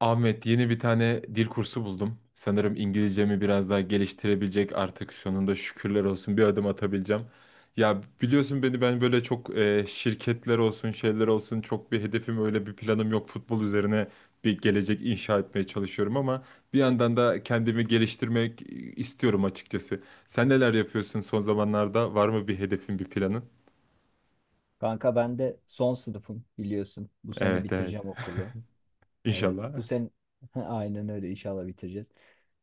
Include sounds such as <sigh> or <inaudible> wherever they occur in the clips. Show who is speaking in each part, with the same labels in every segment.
Speaker 1: Ahmet yeni bir tane dil kursu buldum. Sanırım İngilizcemi biraz daha geliştirebilecek artık sonunda şükürler olsun bir adım atabileceğim. Ya biliyorsun beni ben böyle çok şirketler olsun şeyler olsun çok bir hedefim öyle bir planım yok. Futbol üzerine bir gelecek inşa etmeye çalışıyorum ama bir yandan da kendimi geliştirmek istiyorum açıkçası. Sen neler yapıyorsun son zamanlarda? Var mı bir hedefin bir planın?
Speaker 2: Kanka ben de son sınıfım biliyorsun. Bu sene
Speaker 1: Evet, evet.
Speaker 2: bitireceğim okulu. Evet. Bu
Speaker 1: İnşallah.
Speaker 2: sene <laughs> aynen öyle inşallah bitireceğiz.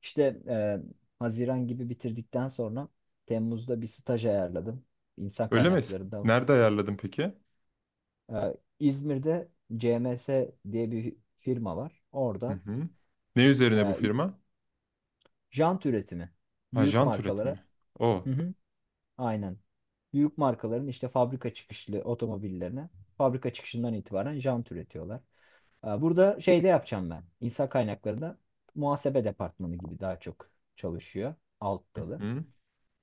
Speaker 2: İşte Haziran gibi bitirdikten sonra Temmuz'da bir staj ayarladım. İnsan
Speaker 1: Öyle mi?
Speaker 2: kaynaklarında.
Speaker 1: Nerede ayarladın peki?
Speaker 2: E, İzmir'de CMS diye bir firma var.
Speaker 1: Hı
Speaker 2: Orada
Speaker 1: hı. Ne üzerine bu
Speaker 2: e,
Speaker 1: firma?
Speaker 2: jant üretimi.
Speaker 1: Ha,
Speaker 2: Büyük
Speaker 1: jant
Speaker 2: markalara.
Speaker 1: üretimi. O.
Speaker 2: Hı hı. Aynen. Büyük markaların işte fabrika çıkışlı otomobillerine fabrika çıkışından itibaren jant üretiyorlar. Burada şeyde yapacağım ben. İnsan kaynaklarında muhasebe departmanı gibi daha çok çalışıyor. Alt
Speaker 1: Hı.
Speaker 2: dalı.
Speaker 1: hı.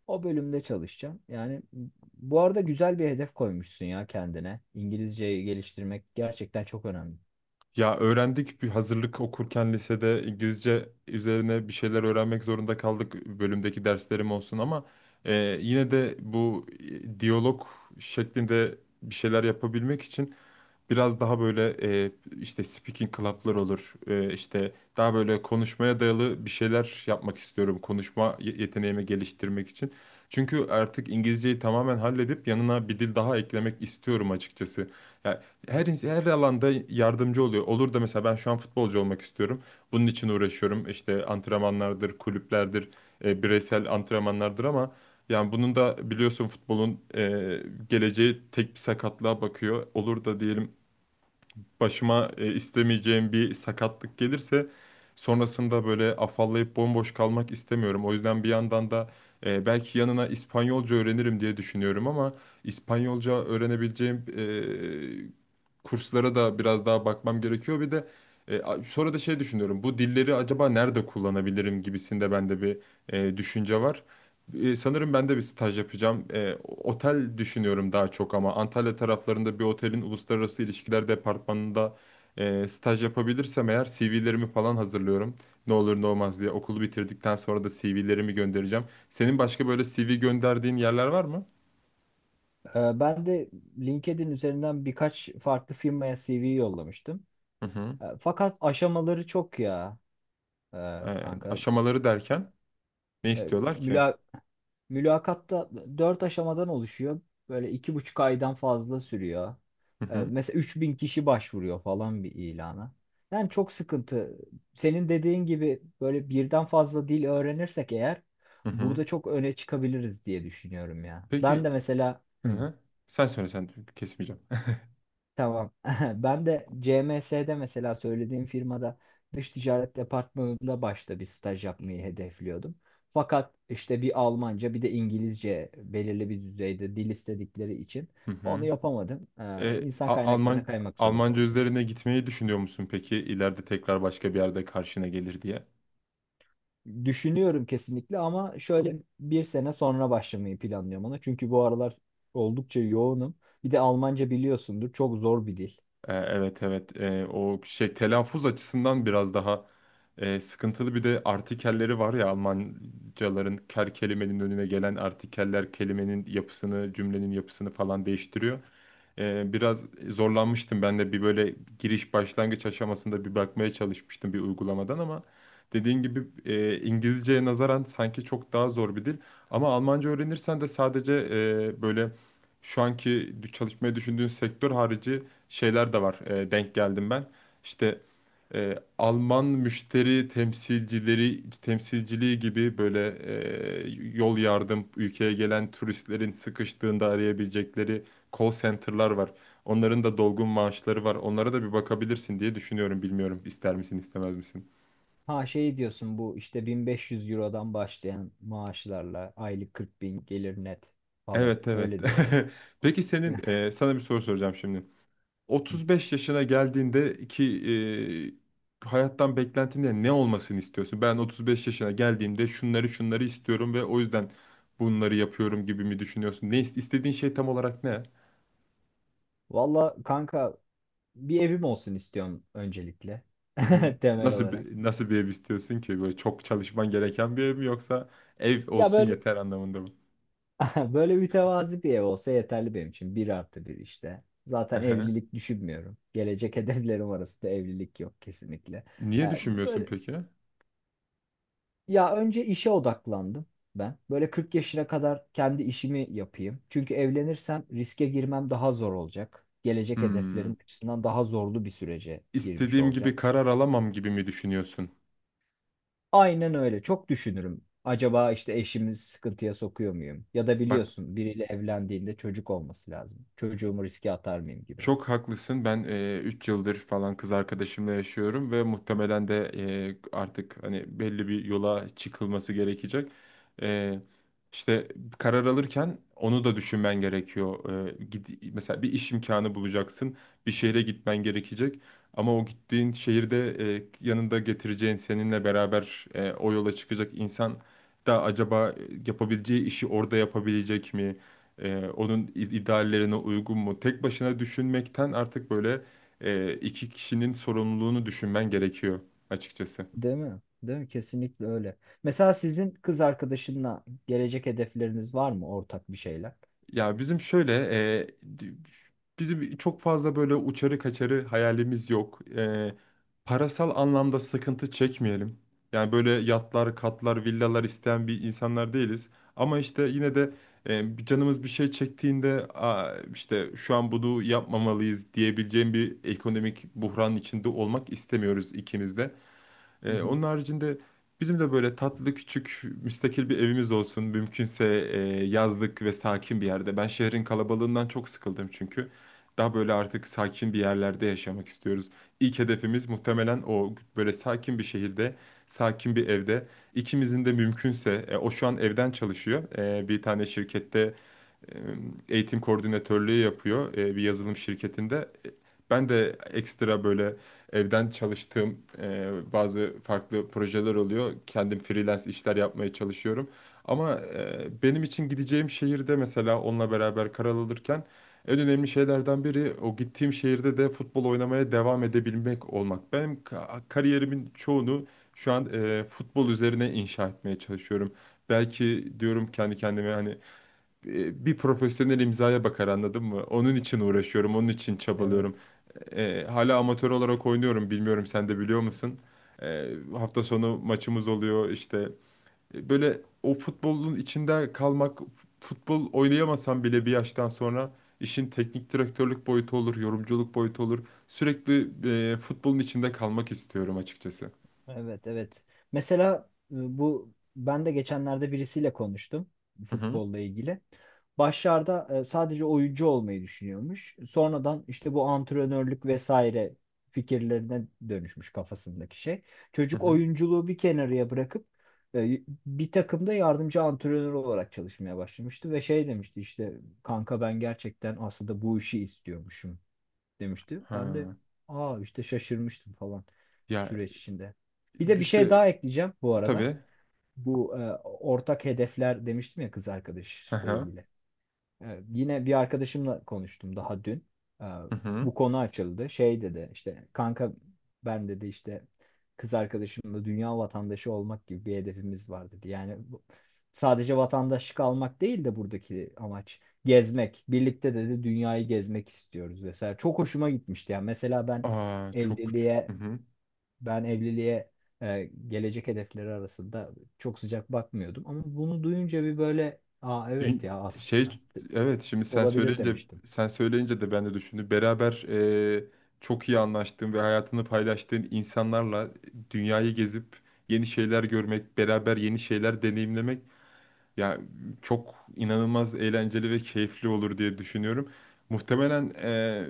Speaker 2: O bölümde çalışacağım. Yani bu arada güzel bir hedef koymuşsun ya kendine. İngilizceyi geliştirmek gerçekten çok önemli.
Speaker 1: Ya öğrendik bir hazırlık okurken lisede İngilizce üzerine bir şeyler öğrenmek zorunda kaldık, bölümdeki derslerim olsun, ama e, yine de bu diyalog şeklinde bir şeyler yapabilmek için biraz daha böyle e, işte speaking club'lar olur. E, işte daha böyle konuşmaya dayalı bir şeyler yapmak istiyorum. Konuşma yeteneğimi geliştirmek için. Çünkü artık İngilizceyi tamamen halledip yanına bir dil daha eklemek istiyorum açıkçası. Ya her her alanda yardımcı oluyor. Olur da mesela ben şu an futbolcu olmak istiyorum. Bunun için uğraşıyorum. İşte antrenmanlardır, kulüplerdir, bireysel antrenmanlardır, ama yani bunun da biliyorsun futbolun geleceği tek bir sakatlığa bakıyor. Olur da diyelim başıma istemeyeceğim bir sakatlık gelirse sonrasında böyle afallayıp bomboş kalmak istemiyorum. O yüzden bir yandan da belki yanına İspanyolca öğrenirim diye düşünüyorum, ama İspanyolca öğrenebileceğim kurslara da biraz daha bakmam gerekiyor. Bir de sonra da şey düşünüyorum. Bu dilleri acaba nerede kullanabilirim gibisinde bende bir düşünce var. Sanırım ben de bir staj yapacağım. Otel düşünüyorum daha çok, ama Antalya taraflarında bir otelin uluslararası ilişkiler departmanında staj yapabilirsem eğer CV'lerimi falan hazırlıyorum. Ne olur ne olmaz diye okulu bitirdikten sonra da CV'lerimi göndereceğim. Senin başka böyle CV gönderdiğin yerler var mı?
Speaker 2: Ben de LinkedIn üzerinden birkaç farklı firmaya CV yollamıştım.
Speaker 1: Hı hı.
Speaker 2: Fakat aşamaları çok ya e,
Speaker 1: Ee,
Speaker 2: kanka.
Speaker 1: aşamaları derken ne
Speaker 2: E,
Speaker 1: istiyorlar ki?
Speaker 2: müla- Mülakatta dört aşamadan oluşuyor. Böyle 2,5 aydan fazla sürüyor.
Speaker 1: Hı hı.
Speaker 2: Mesela 3.000 kişi başvuruyor falan bir ilana. Yani çok sıkıntı. Senin dediğin gibi böyle birden fazla dil öğrenirsek eğer
Speaker 1: Hı hı.
Speaker 2: burada çok öne çıkabiliriz diye düşünüyorum ya. Ben
Speaker 1: Peki,
Speaker 2: de mesela
Speaker 1: hı hı. Sen söyle, sen kesmeyeceğim.
Speaker 2: tamam. <laughs> Ben de CMS'de mesela söylediğim firmada dış ticaret departmanında başta bir staj yapmayı hedefliyordum. Fakat işte bir Almanca bir de İngilizce belirli bir düzeyde dil istedikleri için
Speaker 1: <laughs> Hı
Speaker 2: onu
Speaker 1: hı.
Speaker 2: yapamadım.
Speaker 1: E,
Speaker 2: İnsan
Speaker 1: A-
Speaker 2: kaynaklarına
Speaker 1: Alman
Speaker 2: kaymak zorunda
Speaker 1: Almanca
Speaker 2: oldum.
Speaker 1: üzerine gitmeyi düşünüyor musun peki, ileride tekrar başka bir yerde karşına gelir diye?
Speaker 2: Düşünüyorum kesinlikle ama şöyle bir sene sonra başlamayı planlıyorum ona. Çünkü bu aralar oldukça yoğunum. Bir de Almanca biliyorsundur, çok zor bir dil.
Speaker 1: Evet, evet. O şey, telaffuz açısından biraz daha sıkıntılı, bir de artikelleri var ya Almancaların, ker kelimenin önüne gelen artikeller kelimenin yapısını, cümlenin yapısını falan değiştiriyor. Biraz zorlanmıştım ben de bir böyle giriş başlangıç aşamasında, bir bakmaya çalışmıştım bir uygulamadan, ama dediğin gibi İngilizceye nazaran sanki çok daha zor bir dil, ama Almanca öğrenirsen de sadece böyle şu anki çalışmayı düşündüğün sektör harici şeyler de var. Denk geldim ben. İşte Alman müşteri temsilcileri temsilciliği gibi, böyle e, yol yardım, ülkeye gelen turistlerin sıkıştığında arayabilecekleri call center'lar var. Onların da dolgun maaşları var. Onlara da bir bakabilirsin diye düşünüyorum. Bilmiyorum, ister misin istemez misin?
Speaker 2: Ha, şey diyorsun, bu işte 1500 Euro'dan başlayan maaşlarla aylık 40 bin gelir net falan.
Speaker 1: Evet, evet.
Speaker 2: Öyle diyorlar.
Speaker 1: <laughs> Peki,
Speaker 2: <laughs>
Speaker 1: sana bir soru soracağım şimdi. 35 yaşına geldiğinde ki hayattan beklentinde ne olmasını istiyorsun? Ben 35 yaşına geldiğimde şunları şunları istiyorum ve o yüzden bunları yapıyorum gibi mi düşünüyorsun? Ne istediğin şey tam olarak ne?
Speaker 2: Valla kanka, bir evim olsun istiyorum öncelikle,
Speaker 1: Hı hı.
Speaker 2: <laughs> temel
Speaker 1: Nasıl
Speaker 2: olarak.
Speaker 1: bir, nasıl bir ev istiyorsun ki? Böyle çok çalışman gereken bir ev mi, yoksa ev
Speaker 2: Ya
Speaker 1: olsun
Speaker 2: böyle,
Speaker 1: yeter anlamında mı?
Speaker 2: <laughs> böyle mütevazi bir ev olsa yeterli benim için. Bir artı bir işte. Zaten
Speaker 1: Aha.
Speaker 2: evlilik düşünmüyorum. Gelecek <laughs> hedeflerim arasında evlilik yok kesinlikle.
Speaker 1: Niye düşünmüyorsun
Speaker 2: Böyle
Speaker 1: peki?
Speaker 2: Ya önce işe odaklandım ben. Böyle 40 yaşına kadar kendi işimi yapayım. Çünkü evlenirsem riske girmem daha zor olacak. Gelecek
Speaker 1: Hmm.
Speaker 2: hedeflerim açısından daha zorlu bir sürece girmiş
Speaker 1: İstediğim
Speaker 2: olacağım.
Speaker 1: gibi karar alamam gibi mi düşünüyorsun?
Speaker 2: Aynen öyle. Çok düşünürüm. Acaba işte eşimi sıkıntıya sokuyor muyum? Ya da
Speaker 1: Bak,
Speaker 2: biliyorsun, biriyle evlendiğinde çocuk olması lazım. Çocuğumu riske atar mıyım gibi.
Speaker 1: çok haklısın. Ben 3 yıldır falan kız arkadaşımla yaşıyorum ve muhtemelen de artık hani belli bir yola çıkılması gerekecek. E, işte karar alırken onu da düşünmen gerekiyor. Mesela bir iş imkanı bulacaksın, bir şehre gitmen gerekecek. Ama o gittiğin şehirde yanında getireceğin, seninle beraber o yola çıkacak insan da acaba yapabileceği işi orada yapabilecek mi? Onun ideallerine uygun mu? Tek başına düşünmekten artık böyle iki kişinin sorumluluğunu düşünmen gerekiyor açıkçası.
Speaker 2: Değil mi? Değil mi? Kesinlikle öyle. Mesela sizin kız arkadaşınla gelecek hedefleriniz var mı, ortak bir şeyler?
Speaker 1: Ya bizim şöyle, e, di- bizim çok fazla böyle uçarı kaçarı hayalimiz yok. Parasal anlamda sıkıntı çekmeyelim. Yani böyle yatlar, katlar, villalar isteyen bir insanlar değiliz. Ama işte yine de bir canımız bir şey çektiğinde, "Aa, işte şu an bunu yapmamalıyız," diyebileceğim bir ekonomik buhranın içinde olmak istemiyoruz ikimiz de.
Speaker 2: Hı
Speaker 1: Ee,
Speaker 2: hı.
Speaker 1: onun haricinde bizim de böyle tatlı, küçük, müstakil bir evimiz olsun. Mümkünse e, yazlık ve sakin bir yerde. Ben şehrin kalabalığından çok sıkıldım çünkü. Daha böyle artık sakin bir yerlerde yaşamak istiyoruz. İlk hedefimiz muhtemelen o: böyle sakin bir şehirde, sakin bir evde. İkimizin de mümkünse. O şu an evden çalışıyor. Bir tane şirkette eğitim koordinatörlüğü yapıyor, bir yazılım şirketinde. Ben de ekstra böyle evden çalıştığım, bazı farklı projeler oluyor. Kendim freelance işler yapmaya çalışıyorum. Ama benim için gideceğim şehirde mesela onunla beraber karar alırken en önemli şeylerden biri, o gittiğim şehirde de futbol oynamaya devam edebilmek olmak. Benim kariyerimin çoğunu şu an futbol üzerine inşa etmeye çalışıyorum. Belki diyorum kendi kendime, hani bir profesyonel imzaya bakar, anladın mı? Onun için uğraşıyorum, onun için çabalıyorum.
Speaker 2: Evet.
Speaker 1: Hala amatör olarak oynuyorum, bilmiyorum sen de biliyor musun? Hafta sonu maçımız oluyor işte. Böyle o futbolun içinde kalmak, futbol oynayamasam bile bir yaştan sonra işin teknik direktörlük boyutu olur, yorumculuk boyutu olur. Sürekli futbolun içinde kalmak istiyorum açıkçası.
Speaker 2: Evet, evet. Mesela bu, ben de geçenlerde birisiyle konuştum
Speaker 1: Hı hı.
Speaker 2: futbolla ilgili. Başlarda sadece oyuncu olmayı düşünüyormuş. Sonradan işte bu antrenörlük vesaire fikirlerine dönüşmüş kafasındaki şey.
Speaker 1: Hı
Speaker 2: Çocuk
Speaker 1: hı.
Speaker 2: oyunculuğu bir kenarıya bırakıp bir takımda yardımcı antrenör olarak çalışmaya başlamıştı ve şey demişti işte, kanka ben gerçekten aslında bu işi istiyormuşum demişti. Ben de
Speaker 1: Ha.
Speaker 2: aa işte şaşırmıştım falan
Speaker 1: Ya,
Speaker 2: süreç içinde. Bir de bir şey
Speaker 1: işte
Speaker 2: daha ekleyeceğim bu arada.
Speaker 1: tabii.
Speaker 2: Bu ortak hedefler demiştim ya, kız
Speaker 1: Hı
Speaker 2: arkadaşla
Speaker 1: hı.
Speaker 2: ilgili. Evet, yine bir arkadaşımla konuştum daha dün. Ee,
Speaker 1: Hı hı.
Speaker 2: Bu konu açıldı. Şey dedi işte, kanka ben dedi işte kız arkadaşımla dünya vatandaşı olmak gibi bir hedefimiz var dedi. Yani sadece vatandaşlık almak değil de buradaki amaç gezmek. Birlikte dedi dünyayı gezmek istiyoruz vesaire. Çok hoşuma gitmişti. Yani mesela ben
Speaker 1: Aa, çok uç. Hı
Speaker 2: evliliğe
Speaker 1: hı.
Speaker 2: ben evliliğe gelecek hedefleri arasında çok sıcak bakmıyordum. Ama bunu duyunca bir böyle, aa evet
Speaker 1: Dün-
Speaker 2: ya, aslında.
Speaker 1: şey evet, şimdi sen
Speaker 2: Olabilir
Speaker 1: söyleyince,
Speaker 2: demiştim.
Speaker 1: de ben de düşündüm. Beraber e, çok iyi anlaştığın ve hayatını paylaştığın insanlarla dünyayı gezip yeni şeyler görmek, beraber yeni şeyler deneyimlemek. Ya, çok inanılmaz eğlenceli ve keyifli olur diye düşünüyorum. Muhtemelen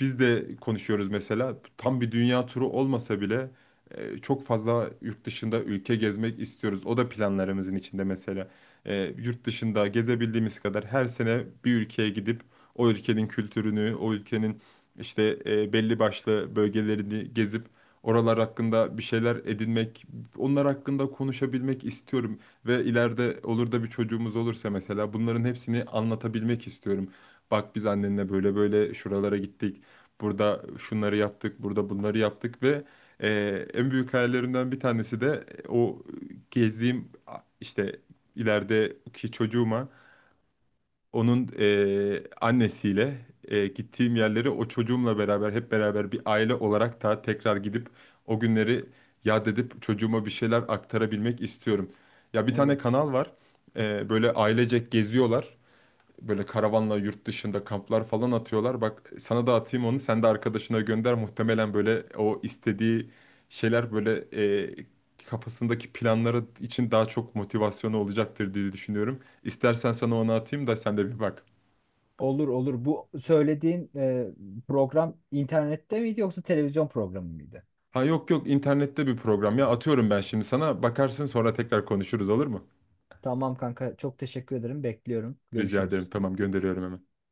Speaker 1: biz de konuşuyoruz mesela. Tam bir dünya turu olmasa bile çok fazla yurt dışında ülke gezmek istiyoruz. O da planlarımızın içinde mesela. Yurt dışında gezebildiğimiz kadar her sene bir ülkeye gidip o ülkenin kültürünü, o ülkenin işte belli başlı bölgelerini gezip, oralar hakkında bir şeyler edinmek, onlar hakkında konuşabilmek istiyorum. Ve ileride olur da bir çocuğumuz olursa, mesela bunların hepsini anlatabilmek istiyorum. Bak, biz annenle böyle böyle şuralara gittik. Burada şunları yaptık, burada bunları yaptık, ve en büyük hayallerimden bir tanesi de o gezdiğim, işte, ilerideki çocuğuma, onun annesiyle gittiğim yerleri o çocuğumla beraber, hep beraber bir aile olarak da tekrar gidip o günleri yad edip çocuğuma bir şeyler aktarabilmek istiyorum. Ya, bir tane
Speaker 2: Evet.
Speaker 1: kanal var. Böyle ailecek geziyorlar. Böyle karavanla yurt dışında kamplar falan atıyorlar. Bak, sana da atayım onu. Sen de arkadaşına gönder. Muhtemelen böyle, o istediği şeyler böyle, kafasındaki planları için daha çok motivasyonu olacaktır diye düşünüyorum. İstersen sana onu atayım da sen de bir bak.
Speaker 2: Olur, olur. Bu söylediğin program internette miydi yoksa televizyon programı mıydı?
Speaker 1: Ha, yok yok, internette bir program. Ya atıyorum ben şimdi sana, bakarsın sonra tekrar konuşuruz, olur mu?
Speaker 2: Tamam kanka, çok teşekkür ederim. Bekliyorum.
Speaker 1: Rica ederim,
Speaker 2: Görüşürüz.
Speaker 1: tamam, gönderiyorum hemen.